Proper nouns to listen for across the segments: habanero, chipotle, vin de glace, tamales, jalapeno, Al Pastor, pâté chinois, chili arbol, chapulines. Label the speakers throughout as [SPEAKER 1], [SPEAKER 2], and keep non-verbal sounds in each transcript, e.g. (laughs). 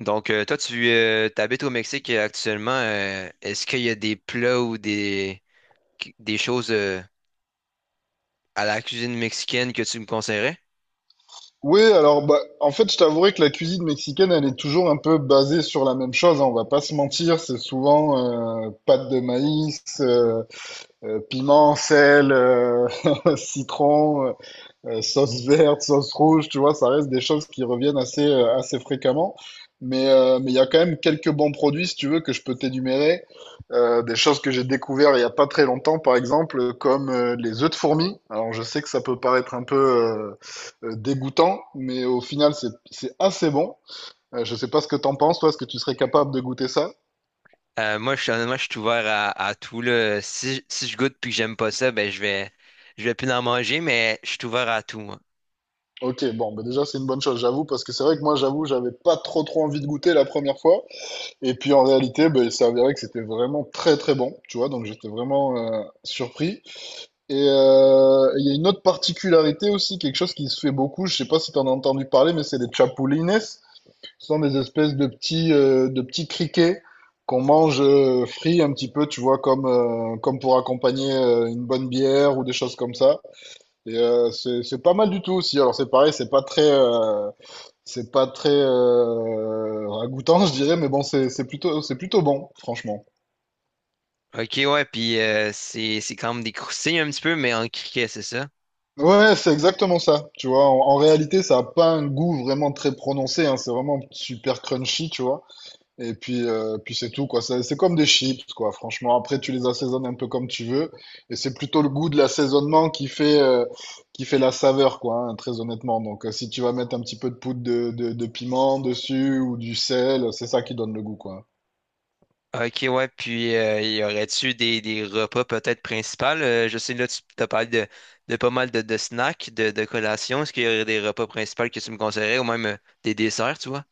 [SPEAKER 1] Donc, toi, tu t'habites au Mexique actuellement. Est-ce qu'il y a des plats ou des choses à la cuisine mexicaine que tu me conseillerais?
[SPEAKER 2] Oui, alors bah, en fait, je t'avouerai que la cuisine mexicaine, elle est toujours un peu basée sur la même chose, hein, on va pas se mentir, c'est souvent pâte de maïs, piment, sel, (laughs) citron, sauce verte, sauce rouge, tu vois, ça reste des choses qui reviennent assez, assez fréquemment. Mais il y a quand même quelques bons produits, si tu veux, que je peux t'énumérer. Des choses que j'ai découvert il y a pas très longtemps, par exemple, comme les œufs de fourmi. Alors, je sais que ça peut paraître un peu dégoûtant, mais au final, c'est assez bon. Je sais pas ce que t'en penses, toi, est-ce que tu serais capable de goûter ça?
[SPEAKER 1] Moi, honnêtement, je suis ouvert à tout, là. Si je goûte puis que j'aime pas ça, ben, je vais plus en manger, mais je suis ouvert à tout, moi.
[SPEAKER 2] Ok, bon, bah déjà, c'est une bonne chose, j'avoue, parce que c'est vrai que moi, j'avoue, j'avais pas trop trop envie de goûter la première fois. Et puis en réalité, ben, il s'est que c'était vraiment très très bon, tu vois, donc j'étais vraiment surpris. Et il y a une autre particularité aussi, quelque chose qui se fait beaucoup, je sais pas si tu en as entendu parler, mais c'est les chapulines. Ce sont des espèces de petits criquets qu'on mange frits un petit peu, tu vois, comme, comme pour accompagner une bonne bière ou des choses comme ça. Et c'est pas mal du tout aussi. Alors c'est pareil, c'est pas très ragoûtant, (laughs) je dirais, mais bon, c'est plutôt, c'est plutôt bon, franchement.
[SPEAKER 1] Ok, ouais, puis c'est quand même des croustilles un petit peu, mais en criquet, c'est ça?
[SPEAKER 2] Ouais, ouais, c'est exactement ça, tu vois. En réalité, ça a pas un goût vraiment très prononcé, hein, c'est vraiment super crunchy, tu vois. Et puis, puis c'est tout, quoi. C'est comme des chips, quoi, franchement. Après, tu les assaisonnes un peu comme tu veux. Et c'est plutôt le goût de l'assaisonnement qui fait la saveur, quoi, hein, très honnêtement. Donc, si tu vas mettre un petit peu de poudre de piment dessus ou du sel, c'est ça qui donne le goût, quoi.
[SPEAKER 1] Ok, ouais, puis y aurait-tu des repas peut-être principaux? Je sais, là, tu as parlé de pas mal de snacks, de collations. Est-ce qu'il y aurait des repas principaux que tu me conseillerais ou même des desserts, tu vois?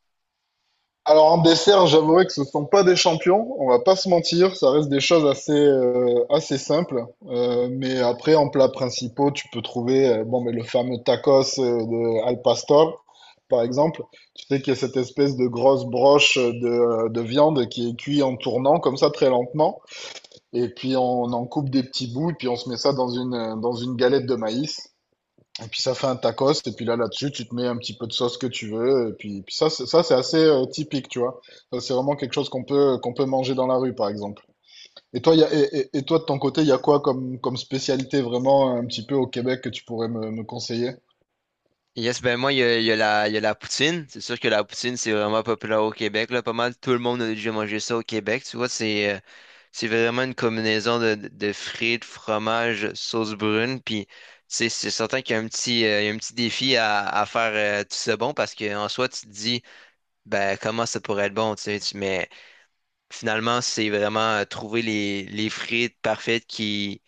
[SPEAKER 2] Alors en dessert, j'avouerai que ce ne sont pas des champions, on va pas se mentir, ça reste des choses assez, assez simples. Mais après, en plats principaux, tu peux trouver bon, mais le fameux tacos de Al Pastor, par exemple. Tu sais qu'il y a cette espèce de grosse broche de viande qui est cuite en tournant comme ça très lentement. Et puis on en coupe des petits bouts, et puis on se met ça dans une galette de maïs. Et puis ça fait un tacos, et puis là, là-dessus, tu te mets un petit peu de sauce que tu veux, et puis ça, ça c'est assez typique, tu vois. Ça, c'est vraiment quelque chose qu'on peut manger dans la rue, par exemple. Et toi, il y a, et toi, de ton côté, il y a quoi comme, comme spécialité vraiment un petit peu au Québec que tu pourrais me conseiller?
[SPEAKER 1] Yes, ben moi, il y a la poutine. C'est sûr que la poutine, c'est vraiment populaire au Québec, là. Pas mal tout le monde a déjà mangé ça au Québec, tu vois. C'est vraiment une combinaison de frites, fromage, sauce brune, puis tu sais, c'est certain qu'il y a un petit, il y a un petit défi à faire tout ça bon parce qu'en soi, tu te dis, ben comment ça pourrait être bon, tu sais, mais finalement, c'est vraiment trouver les frites parfaites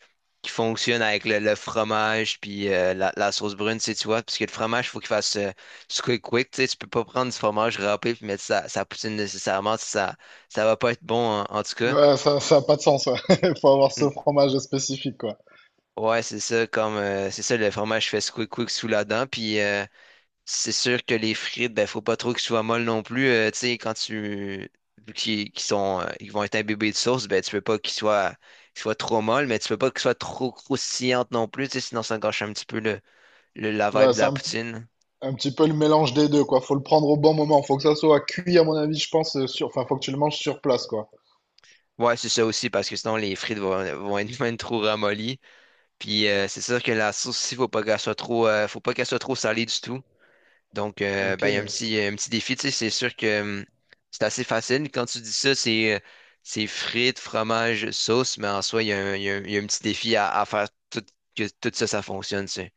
[SPEAKER 1] qui fonctionnent avec le fromage puis la sauce brune, tu sais, tu vois, parce que le fromage, faut qu'il fasse squeak quick, tu sais, tu peux pas prendre du fromage râpé puis mettre ça, ça poutine nécessairement, ça va pas être bon en tout cas.
[SPEAKER 2] Ouais, ça a pas de sens, ouais. (laughs) Faut avoir
[SPEAKER 1] Mm.
[SPEAKER 2] ce fromage spécifique, quoi.
[SPEAKER 1] Ouais, c'est ça, comme, c'est ça, le fromage fait squeak quick sous la dent, puis c'est sûr que les frites, ben, faut pas trop qu'ils soient molles non plus. Tu sais, quand tu vu qu'ils sont, ils vont être imbibés de sauce, ben, tu peux pas qu'ils soient trop molles, mais tu peux pas qu'ils soient trop croustillantes non plus, tu sais, sinon ça gâche un petit peu la vibe
[SPEAKER 2] Ouais,
[SPEAKER 1] de
[SPEAKER 2] c'est
[SPEAKER 1] la
[SPEAKER 2] un,
[SPEAKER 1] poutine.
[SPEAKER 2] un petit peu le mélange des deux, quoi. Faut le prendre au bon moment. Faut que ça soit cuit, à mon avis, je pense, enfin, faut que tu le manges sur place, quoi.
[SPEAKER 1] Ouais, c'est ça aussi, parce que sinon les frites vont être (laughs) même trop ramollies. Puis c'est sûr que la sauce aussi, faut pas qu'elle soit trop salée du tout. Donc,
[SPEAKER 2] Ok.
[SPEAKER 1] ben, il y a un petit défi, tu sais, c'est sûr que c'est assez facile. Quand tu dis ça, c'est frites, fromage, sauce, mais en soi, il y a un petit défi à faire tout, que tout ça, ça fonctionne, tu sais.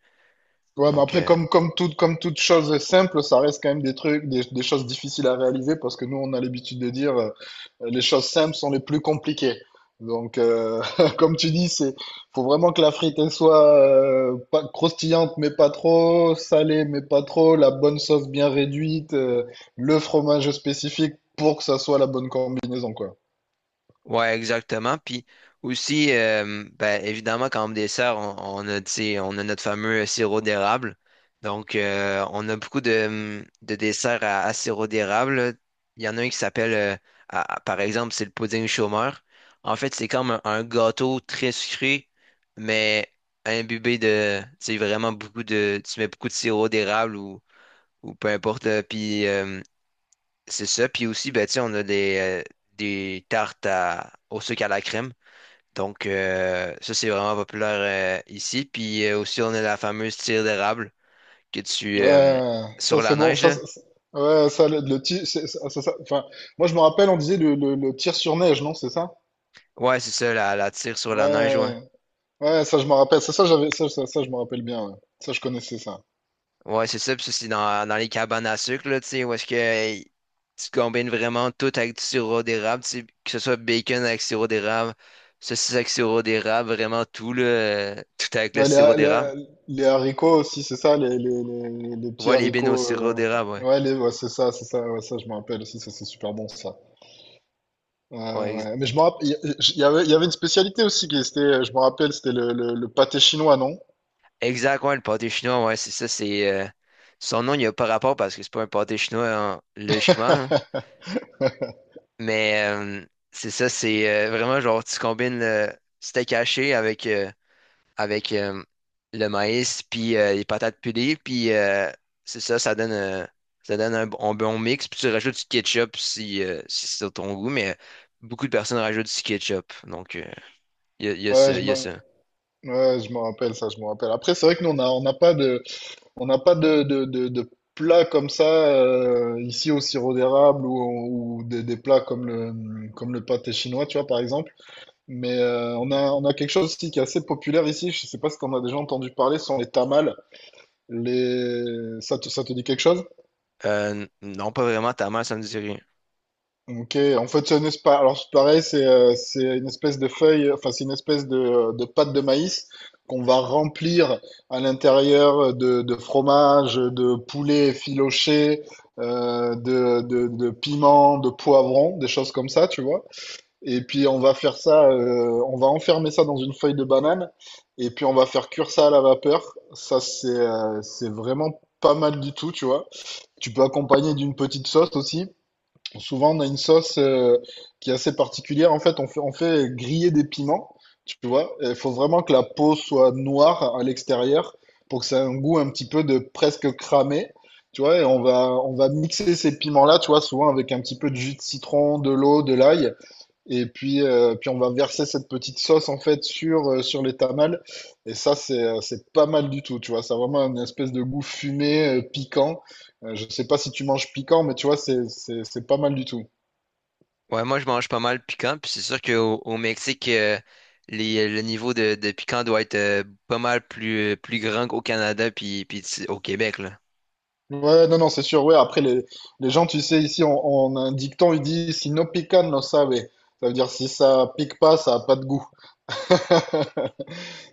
[SPEAKER 2] Ouais, mais
[SPEAKER 1] Donc,
[SPEAKER 2] après,
[SPEAKER 1] euh,
[SPEAKER 2] comme toute chose simple, ça reste quand même des trucs, des choses difficiles à réaliser parce que nous, on a l'habitude de dire les choses simples sont les plus compliquées. Donc, (laughs) comme tu dis, c'est, faut vraiment que la frite elle soit pas croustillante mais pas trop, salée mais pas trop, la bonne sauce bien réduite, le fromage spécifique pour que ça soit la bonne combinaison, quoi.
[SPEAKER 1] Ouais, exactement. Puis aussi, ben, évidemment, quand on dessert, on a, tu sais, on a notre fameux sirop d'érable. Donc, on a beaucoup de desserts à sirop d'érable. Il y en a un qui s'appelle, par exemple, c'est le pudding chômeur. En fait, c'est comme un gâteau très sucré, mais imbibé de, tu sais, vraiment beaucoup de, tu mets beaucoup de sirop d'érable ou peu importe. Puis, c'est ça. Puis aussi, ben, tu sais, on a des tartes au sucre à la crème. Donc, ça, c'est vraiment populaire ici. Puis aussi, on a la fameuse tire d'érable que
[SPEAKER 2] Ouais, ça
[SPEAKER 1] sur
[SPEAKER 2] c'est
[SPEAKER 1] la
[SPEAKER 2] bon,
[SPEAKER 1] neige, là.
[SPEAKER 2] ouais, ça le, tir ça- enfin, moi je me rappelle, on disait le tir sur neige, non, c'est ça?
[SPEAKER 1] Ouais, c'est ça, la tire sur
[SPEAKER 2] Ouais,
[SPEAKER 1] la neige, ouais.
[SPEAKER 2] ouais, ouais, ça je me rappelle. Ça, j'avais, ça, je me rappelle bien. Ouais. Ça, je connaissais ça.
[SPEAKER 1] Ouais, c'est ça. Puis ça, c'est dans les cabanes à sucre, là, tu sais, où est-ce que tu combines vraiment tout avec du sirop d'érable, tu sais, que ce soit bacon avec sirop d'érable, saucisse avec sirop d'érable, vraiment tout, là, tout avec le
[SPEAKER 2] Ouais,
[SPEAKER 1] sirop d'érable.
[SPEAKER 2] les haricots aussi, c'est ça, les petits
[SPEAKER 1] Ouais, les bines au
[SPEAKER 2] haricots.
[SPEAKER 1] sirop d'érable, ouais.
[SPEAKER 2] Ouais, ouais, c'est ça, ouais, ça, je me rappelle aussi, ça, c'est super bon, ça. Ouais,
[SPEAKER 1] Ouais,
[SPEAKER 2] ouais. Mais je me rappelle, il y avait une spécialité aussi qui était, je me rappelle, c'était le pâté chinois, non?
[SPEAKER 1] exact, ouais, le pâté chinois, ouais, c'est ça, son nom, il n'y a pas rapport parce que c'est pas un pâté chinois, hein, logiquement. Hein. Mais c'est ça, c'est vraiment genre, tu combines le steak haché avec le maïs, puis les patates pilées, puis c'est ça, ça donne un bon mix, puis tu rajoutes du ketchup si, si c'est sur ton goût, mais beaucoup de personnes rajoutent du ketchup, donc il y a, y a
[SPEAKER 2] Ouais,
[SPEAKER 1] ça, il y a ça.
[SPEAKER 2] ouais, je me rappelle ça, je me rappelle. Après, c'est vrai que nous, on a, on n'a pas de, on n'a pas de plats comme ça ici au sirop d'érable ou des plats comme comme le pâté chinois, tu vois, par exemple. Mais on a quelque chose aussi qui est assez populaire ici. Je sais pas si tu en as déjà entendu parler, ce sont les tamales. Les... ça te dit quelque chose?
[SPEAKER 1] Non, pas vraiment, ta mère, ça me dirait.
[SPEAKER 2] Ok, en fait, c'est une espèce, alors c'est pareil, c'est une espèce de feuille, enfin, c'est une espèce de pâte de maïs qu'on va remplir à l'intérieur de fromage, de poulet effiloché, de piment, de poivron, des choses comme ça, tu vois. Et puis, on va faire ça, on va enfermer ça dans une feuille de banane, et puis on va faire cuire ça à la vapeur. Ça, c'est vraiment pas mal du tout, tu vois. Tu peux accompagner d'une petite sauce aussi. Souvent, on a une sauce qui est assez particulière. En fait, on fait griller des piments, tu vois. Il faut vraiment que la peau soit noire à l'extérieur pour que ça ait un goût un petit peu de presque cramé, tu vois. Et on va mixer ces piments-là, tu vois, souvent avec un petit peu de jus de citron, de l'eau, de l'ail. Et puis, puis on va verser cette petite sauce en fait sur, sur les tamales. Et ça, c'est pas mal du tout, tu vois. Ça a vraiment une espèce de goût fumé, piquant. Je sais pas si tu manges piquant, mais tu vois, c'est pas mal du tout.
[SPEAKER 1] Ouais, moi je mange pas mal piquant, puis c'est sûr qu'au au Mexique, le niveau de piquant doit être pas mal plus grand qu'au Canada puis au Québec, là.
[SPEAKER 2] Ouais, non, non, c'est sûr. Ouais, après, les gens, tu sais, ici, on a un dicton, il dit, si no pican, no sabe. Ça veut dire, si ça pique pas, ça a pas de goût. (laughs)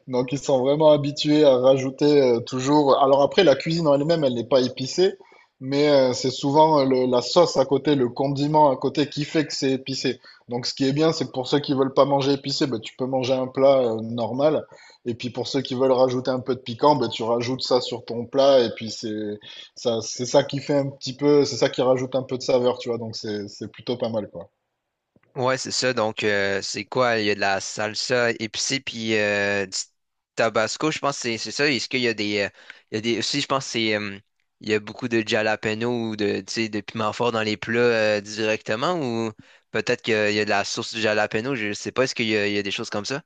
[SPEAKER 2] Donc ils sont vraiment habitués à rajouter toujours. Alors après, la cuisine en elle-même, elle n'est pas épicée, mais c'est souvent la sauce à côté, le condiment à côté qui fait que c'est épicé. Donc ce qui est bien, c'est que pour ceux qui veulent pas manger épicé, ben, tu peux manger un plat normal. Et puis pour ceux qui veulent rajouter un peu de piquant, ben, tu rajoutes ça sur ton plat. C'est ça qui fait un petit peu, c'est ça qui rajoute un peu de saveur, tu vois. Donc c'est plutôt pas mal, quoi.
[SPEAKER 1] Ouais, c'est ça. Donc, c'est quoi? Il y a de la salsa épicée puis du tabasco, je pense que c'est ça. Est-ce qu'il y a des. Il y a des aussi, je pense que c'est. Il y a beaucoup de jalapeno ou de, tu sais, de piment fort dans les plats directement ou peut-être qu'il y a de la sauce de jalapeno, je sais pas. Est-ce qu'il y a, Il y a des choses comme ça?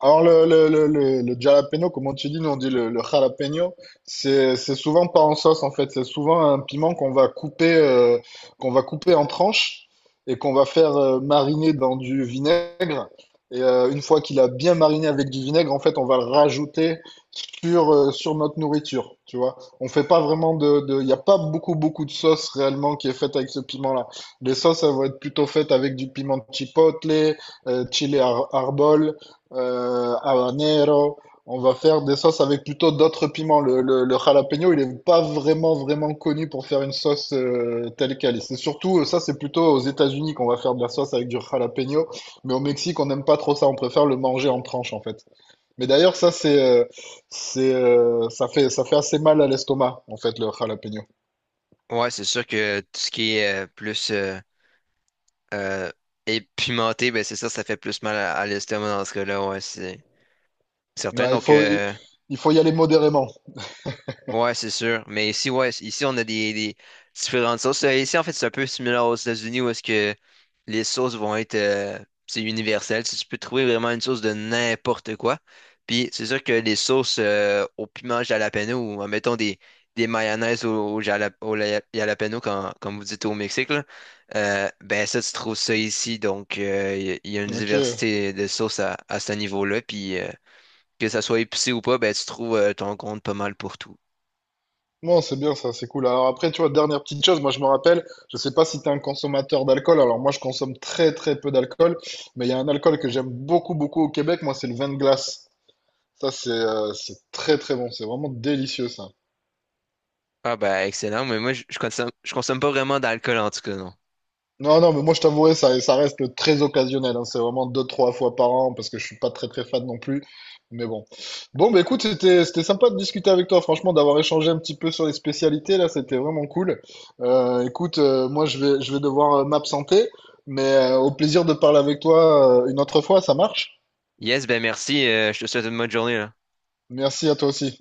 [SPEAKER 2] Alors, le jalapeno, comme on te dit, nous on dit le jalapeno, c'est souvent pas en sauce en fait, c'est souvent un piment qu'on va couper en tranches et qu'on va faire mariner dans du vinaigre. Et une fois qu'il a bien mariné avec du vinaigre, en fait, on va le rajouter sur, sur notre nourriture, tu vois. On fait pas vraiment il n'y a pas beaucoup, beaucoup de sauce réellement qui est faite avec ce piment-là. Les sauces, elles vont être plutôt faites avec du piment chipotle, chili arbol habanero. On va faire des sauces avec plutôt d'autres piments. Le jalapeno, il n'est pas vraiment, vraiment connu pour faire une sauce telle qu'elle. Et c'est surtout, ça, c'est plutôt aux États-Unis qu'on va faire de la sauce avec du jalapeno. Mais au Mexique, on n'aime pas trop ça. On préfère le manger en tranches, en fait. Mais d'ailleurs, ça, ça fait assez mal à l'estomac, en fait, le jalapeno.
[SPEAKER 1] Ouais, c'est sûr que tout ce qui est plus euh, épimenté, ben c'est ça, ça fait plus mal à l'estomac dans ce cas-là, ouais, c'est certain.
[SPEAKER 2] Ouais, il faut y aller modérément.
[SPEAKER 1] Ouais, c'est sûr. Mais ici, ouais, ici, on a des différentes sauces. Ici, en fait, c'est un peu similaire aux États-Unis où est-ce que les sauces vont être c'est universel. Si tu peux trouver vraiment une sauce de n'importe quoi. Puis c'est sûr que les sauces au piment jalapeno ou mettons des mayonnaises au jalapeno, quand, comme vous dites au Mexique, là, ben ça, tu trouves ça ici. Donc il y a une
[SPEAKER 2] Ok.
[SPEAKER 1] diversité de sauces à ce niveau-là. Puis que ça soit épicé ou pas, ben tu trouves ton compte pas mal pour tout.
[SPEAKER 2] Non, c'est bien ça, c'est cool. Alors après, tu vois, dernière petite chose, moi je me rappelle, je sais pas si tu es un consommateur d'alcool, alors moi je consomme très très peu d'alcool, mais il y a un alcool que j'aime beaucoup beaucoup au Québec, moi c'est le vin de glace. Ça c'est très très bon, c'est vraiment délicieux ça.
[SPEAKER 1] Ah ben excellent, mais moi je consomme pas vraiment d'alcool en tout cas, non.
[SPEAKER 2] Non, non, mais moi je t'avouerai, ça reste très occasionnel. Hein. C'est vraiment deux, trois fois par an parce que je suis pas très très fan non plus. Mais bon. Bon, bah écoute, c'était sympa de discuter avec toi, franchement, d'avoir échangé un petit peu sur les spécialités là, c'était vraiment cool. Écoute, moi je vais devoir m'absenter, mais au plaisir de parler avec toi une autre fois, ça marche?
[SPEAKER 1] Yes, ben merci, je te souhaite une bonne journée là.
[SPEAKER 2] Merci à toi aussi.